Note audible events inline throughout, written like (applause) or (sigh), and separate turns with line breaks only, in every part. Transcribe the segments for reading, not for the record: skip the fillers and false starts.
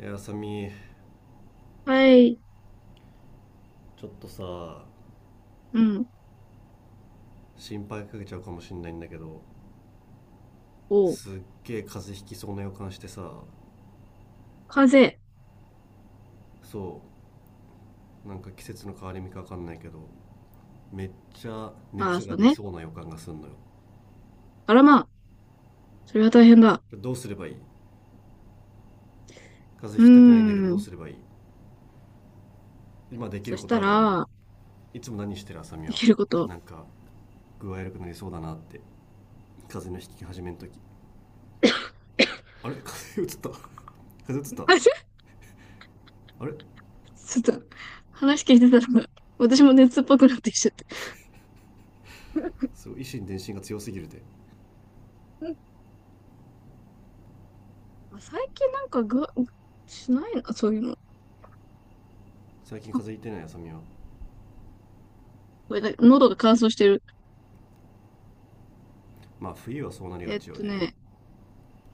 いや、あさみ、
はい、
ちょっとさ、
うん、
心配かけちゃうかもしんないんだけど、
お、
すっげえ風邪ひきそうな予感してさ。
風。
そう、なんか季節の変わり目かわかんないけど、めっちゃ
ああ、
熱
そ
が
う
出
ね。
そうな予感がすんのよ。
あらまあ、それは大変だ。
どうすればいい？風
うー
邪ひきたくないんだけど、どう
ん。
すればいい？今でき
そ
る
し
こと
た
ある俺に？
ら、
いつも何してるあさみ
で
は？
きること。
なんか具合悪くなりそうだなって、風邪の引き始めの時、あれ、風邪移った。 (laughs) 風邪うつった。
(laughs) あちょ
あれ、
ちょっと、話聞いてたら、私も熱っぽくなってきちゃって。
すごい維心伝心が強すぎるで。
(laughs) あ、最近なんかぐしないな、そういうの。
最近風
あ、
邪ひいてないあさみは？
これだ、喉が乾燥してる。
まあ冬はそうなりが
えっ
ちよ
と
ね。
ね、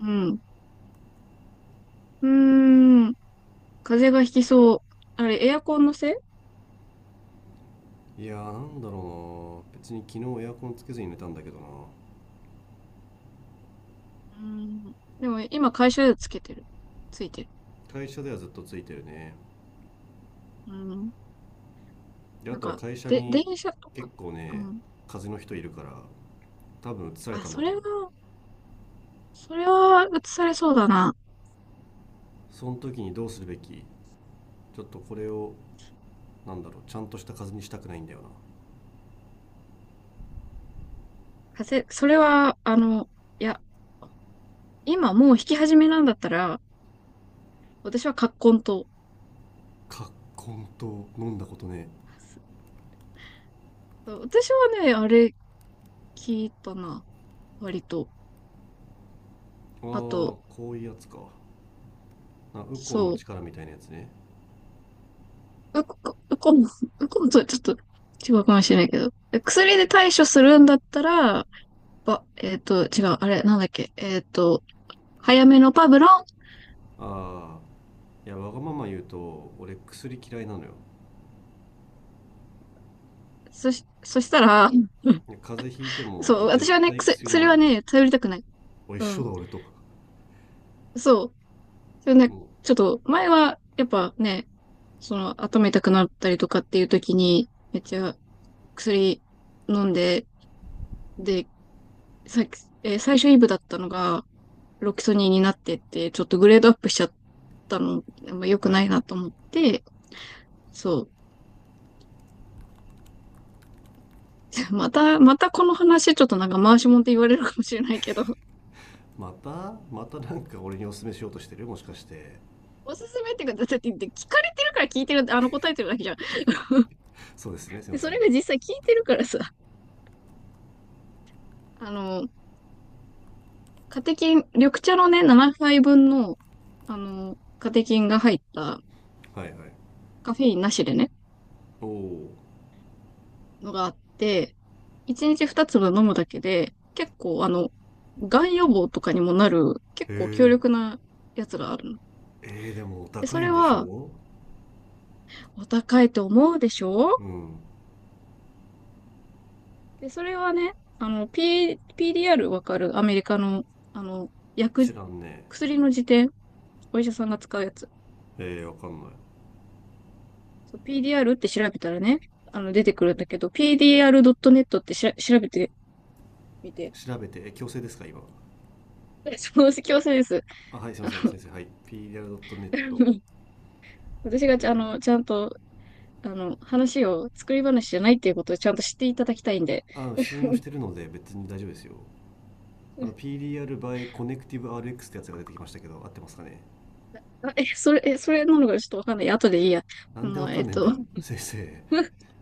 うん。うーん、風邪がひきそう。あれ、エアコンのせい。
いやー、なんだろうな、別に昨日エアコンつけずに寝たんだけどな。
でも、今、会社でつけてる。ついてる。
会社ではずっとついてるね。
うーん。
で、あ
なん
とは
か、
会社
で、電
に
車と
結
か。
構ね、
うん。
風邪の人いるから、多分移され
あ、
たんだ
そ
と
れ
思
は、
う。
それは映されそうだな。
その時にどうするべき？ちょっとこれを、なんだろう、ちゃんとした風邪にしたくないんだよな。
それは、いや、今もう弾き始めなんだったら、私は葛根と。
葛根と飲んだことね？
そう、私はね、あれ聞いたな。割と。
ああ、
あ
こ
と、
ういうやつかな、ウコ
そ
ンの力みたいなやつね。
う。うこんとちょっと違うかもしれないけど。薬で対処するんだったら、ば、えっと、違う、あれ、なんだっけ、早めのパブロン。
ああ、いや、わがまま言うと俺薬嫌いなのよ。
そしたら、うん、
いや、風邪ひいても
そう、
俺
私
絶
はね、
対薬飲ま
薬
な
は
い。
ね、頼りたくない。
お、一
う
緒
ん。
だ俺と。
そう。それね、
も
ちょっと、前は、やっぱね、その、頭痛くなったりとかっていう時に、めっちゃ薬飲んで、で、さっき、最初イブだったのが、ロキソニンになってって、ちょっとグレードアップしちゃったの、まあ、良
う、
く
はい
な
はい。
いなと思って、そう。(laughs) またこの話、ちょっとなんか回しもんって言われるかもしれないけど、
またまたなんか俺におすすめしようとしてる、もしかして？
おすすめっていうか、だって聞かれてるから聞いてる、答えてるだけじゃん。
そうですね、すいま
で、
せ
それ
ん。
が実際聞いてるからさ、あの、カテキン、緑茶のね、7杯分の、カテキンが入った
はいはい。
カフェインなしでね、
おお。
のがあって、1日2粒飲むだけで、結構がん予防とかにもなる、結
へ
構強
え。
力なやつがあるの。
えー、でもお
で、
高
そ
い
れ
んでし
は、
ょ
お高いと思うでし
う。う
ょ？
ん。
で、それはね、PDR わかる？アメリカの、あの、
知
薬、
らんね。
薬の辞典、お医者さんが使うやつ。
ええー、わかんない。
そう PDR って調べたらね、出てくるんだけど、PDR.net って調べてみて、
調べてえ、強制ですか今？
(laughs) そう、強制です。
あ、はい、すいません先生、はい、 PDR.net。
(laughs) 私が
えー、
ちゃんと、話を作り話じゃないっていうことをちゃんと知っていただきたいんで。
信用し
(laughs)
てるので別に大丈夫ですよ。あの、 PDR by Connective RX ってやつが出てきましたけど、合ってますかね？
それ、それなのかちょっとわかんない。後でいいや。
なんで
ま
わ
あ、
かんねえんだよ先生へ。
(laughs)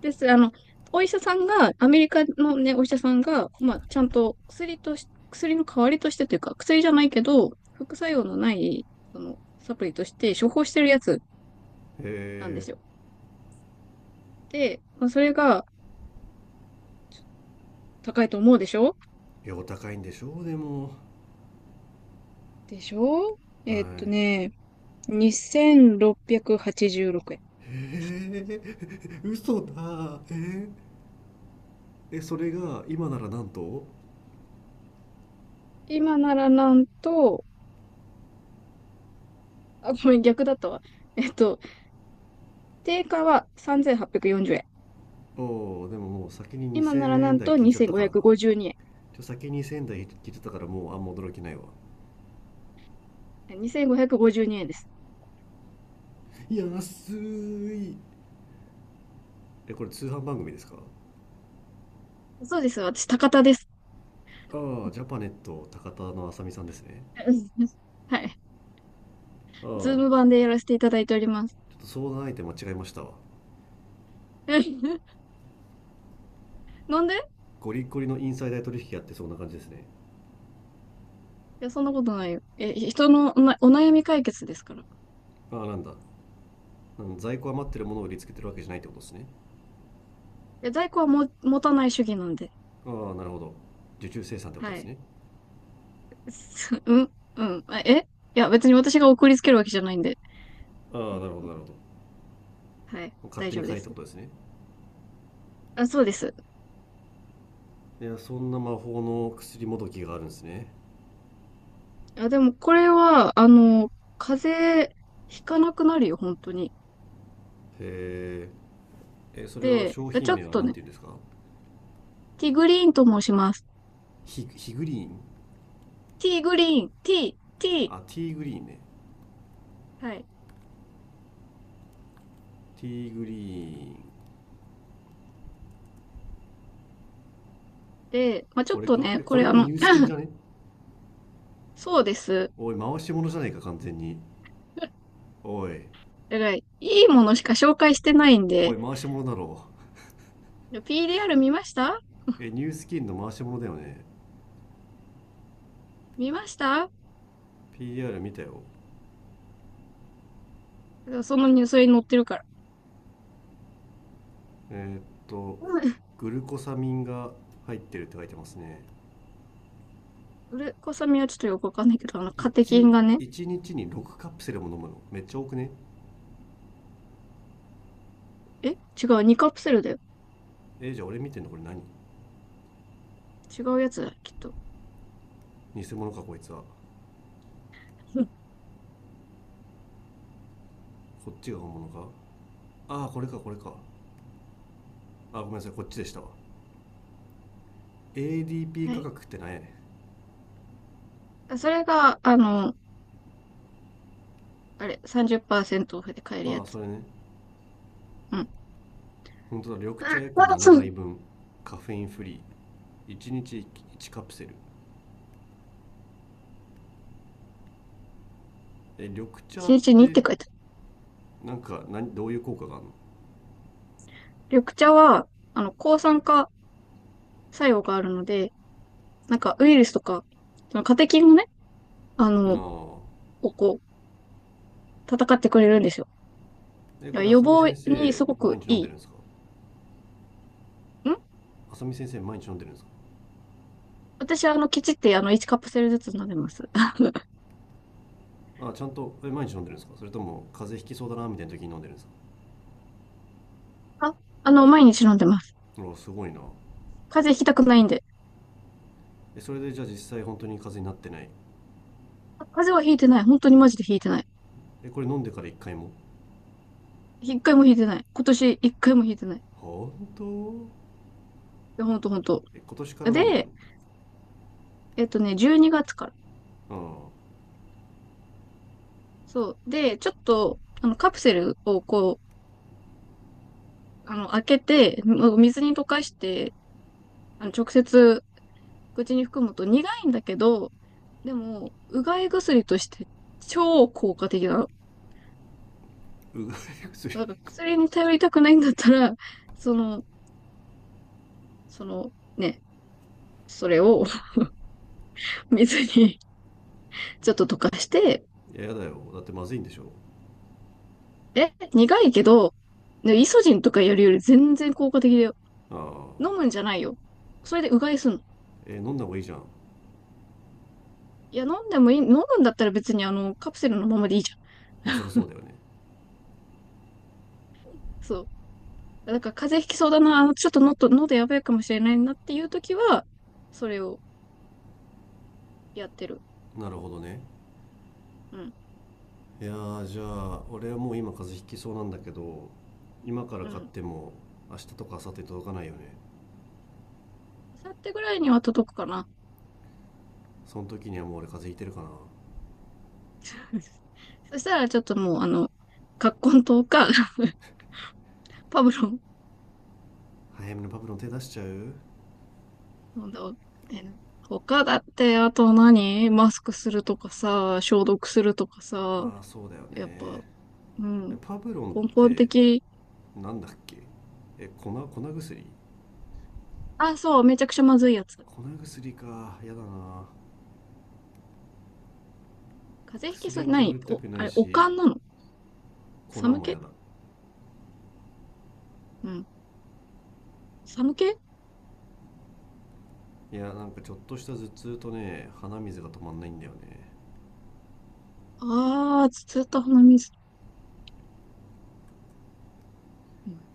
です。お医者さんが、アメリカのね、お医者さんが、まあ、ちゃんと薬とし、薬の代わりとしてというか、薬じゃないけど、副作用のない、サプリとして処方してるやつなんで
え
すよ。で、まあ、それが高いと思うでしょ？
ー、いや、お高いんでしょうでも。
でしょ？
は
えーっとね、2686円。
い。へえー、嘘だ、えー。え、それが今ならなんと。
今ならなんと、あ、ごめん、逆だったわ。えっと、定価は3840円。
おお、でももう先に
今なら
2000
な
円
ん
台
と
聞いちゃったからな。
2552円。
ちょ、先に2000円台聞いちゃったから、もうあんま驚きないわ。
2552円です。
安い。え、これ通販番組ですか？
そうです。私、高田です。
ああ、ジャパネット高田のあさみさんですね。
(laughs) うん、はい。
ああ、ち
ズー
ょ
ム版でやらせていただいております。
っと相談相手間違えましたわ。
(laughs) なんでい
ゴリゴリのインサイダー取引やってそうな感じですね。
や、そんなことないよ。え、人のお悩み解決ですから。
ああ、なんだ。在庫余ってるものを売りつけてるわけじゃないってことですね。
え、在庫は持たない主義なんで。
ああ、なるほど。受注生産ってこと
は
です
い。
ね。
(laughs) すうん、うん。いや、別に私が送りつけるわけじゃないんで。
ああ、
うん、
なるほ
う
ど
ん、
なるほど。
はい。
勝
大
手に
丈夫で
買えってこ
す。
とですね。
あ、そうです。
いや、そんな魔法の薬もどきがあるんですね。
あ、でも、これは、風邪ひかなくなるよ、本当に。
へえ。え、それは
で、
商
ち
品
ょっ
名は
と
何て
ね、
言うんですか？
ティーグリーンと申します。
ヒヒグリーン。
ティーグリーン、ティー、ティー。
あ、ティーグリーンね。
はい。
ティーグリーン。
で、まあ、ちょ
こ
っ
れ
と
か、
ね、
え、
こ
これ
れ
もニュースキン
(laughs)
じゃね？
そうです。
おい、回し物じゃないか完全に。
だか
おい。
ら、いいものしか紹介してないん
お
で、
い、回し物だろ
PDR 見ました
う。え、ニュースキンの回し物だよね。
見ました
PR 見たよ。
そのニュースに載ってるから。
えーっと、
うん、
グルコサミンが入ってるって書いてますね。
ウレコサミはちょっとよくわかんないけど、カテキ
1、
ンがね、
一日に6カプセルも飲むの。めっちゃ多くね？
違う、2カプセルだよ。
えー、じゃあ俺見てんのこれ何？
違うやつだ、きっと。
偽物かこいつは。
(laughs) うん、
こっちが本物か？ああ、これかこれか。あー、ごめんなさい、こっちでしたわ。ADP
は
価
い。
格って何やね
あ、それが、あれ、30%オフで買える
ん。
や
ああ、そ
つ。
れね。
うん。
本当だ、緑茶約7
うん。
杯分。カフェインフリー。1日1カプセル。え、緑
1
茶
日
っ
にちにっ
て、
て書いてある。
なんか何、どういう効果があ
緑茶は、抗酸化作用があるので、なんかウイルスとか、そのカテキンをね、あ
る
の、
の？ああ。
ここ、戦ってくれるんですよ。
え、
だ
こ
から
れ、
予
浅見
防
先
に
生、
すごく
毎日飲ん
い
で
い。
るんですか？
ん
浅見先生、毎日飲んでるんですか？
私、あの、きちって、あの、1カップセルずつ飲んでます。(laughs)
あ、ちゃんと、え、毎日飲んでるんですか、それとも、風邪ひきそうだな、みたいな時に飲んでるんですか？
あ、毎日飲んでます。
うわ、すごいな。
風邪ひきたくないんで。
え、それで、じゃあ実際、本当に風邪になってない？
あ、風邪はひいてない。本当に
うん。
マジでひいてない。
え、これ飲んでから一回も？
一回もひいてない。今年一回もひいてない。い
本当？
や、ほんとほんと。
え、今年から飲んでる
で、12月から。
の？ああ、
そう。で、ちょっと、カプセルをこう、開けて、もう水に溶かして、直接口に含むと苦いんだけど、でも、うがい薬として超効果的なの。
うがい (laughs) 薬。い
なんか薬に頼りたくないんだったら、その、そのね、それを (laughs) 水に (laughs) ちょっと溶かして、
や、やだよ。だってまずいんでしょ？
え、苦いけど、ね、イソジンとかやるより全然効果的だよ。
ああ。
飲むんじゃないよ。それでうがいすんの。
え、飲んだ方がいいじゃん。
いや、飲んでもいい、飲むんだったら別にカプセルのままでいいじゃん。
まあ、そりゃそうだよね。
そう。だから風邪ひきそうだな、ちょっとのと、喉やばいかもしれないなっていう時は、それをやってる。
なるほどね。
うん。
いやー、じゃあ俺はもう今風邪ひきそうなんだけど。今から
う
買っ
ん。
ても明日とか明後日届かないよね？
明後日ぐらいには届くかな。
その時にはもう俺風邪ひいてるかな？
(laughs) そしたらちょっともう、葛根湯か、(laughs) パブロン
早めのパブロン手出しちゃう？
飲んだ。他だって、あと何マスクするとかさ、消毒するとかさ、
まあそうだよ
やっぱ、
ね。
う
え、
ん。
パブロンっ
根本
て
的。
なんだっけ？え、粉薬？
あ、そう、めちゃくちゃまずいやつ。
粉薬か、やだな。
風邪ひきそ
薬
う、
に頼り
何、
た
お、
くな
あ
い
れ、おか
し、
んなの？
粉
寒
もや
気。
だ。
うん。寒気。
いや、なんかちょっとした頭痛とね、鼻水が止まんないんだよね。
ああー、ずっと鼻水。うん。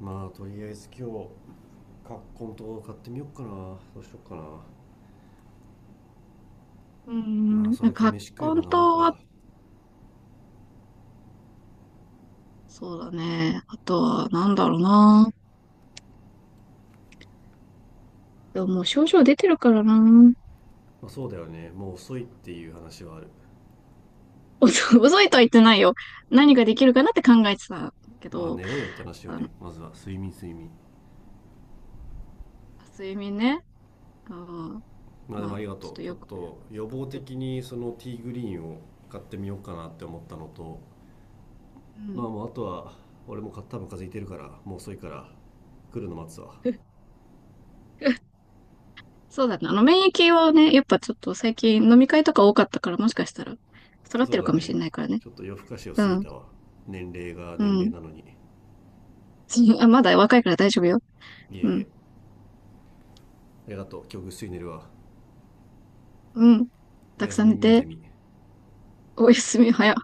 まあとりあえず今日、カッコンと買ってみよっかな、どうしよっかな。
うーん、
まあ、
ん
それか
葛
飯食え
根
ば治
湯
る
は
か。
そうだね。あとは、なんだろうな。でももう症状出てるからな。
まあそうだよね、もう遅いっていう話はある。
(laughs) 遅いとは言ってないよ。何ができるかなって考えてたんだけ
まあ
ど、
寝ろよって話よ
あの、
ね、まずは睡眠睡眠。
睡眠ね。あの
まあ、でも
ま
あ
あ、
りが
ちょっ
と
と
う、ちょっと予防
よく、
的にそのティーグリーンを買ってみようかなって思ったのと。
う
まあ
ん。
もうあとは、俺も多分風邪ひいてるからもう遅いから、来るの待つわ。
(laughs) そうだね。免疫はね、やっぱちょっと最近飲み会とか多かったから、もしかしたら下がって
そ
る
う
か
だ
もし
ね。
れないからね。
ちょっと夜更かしを過
う
ぎ
ん。
たわ。年齢が
う
年齢
ん。
なのに。
(laughs) あ、まだ若いから大丈夫よ。
いえい
う
え。
ん。
ありがとう、今日ぐっすり寝るわ。
うん。
お
た
や
く
す
さん
み
寝
ミンゼ
て、
ミ。
おやすみ、早。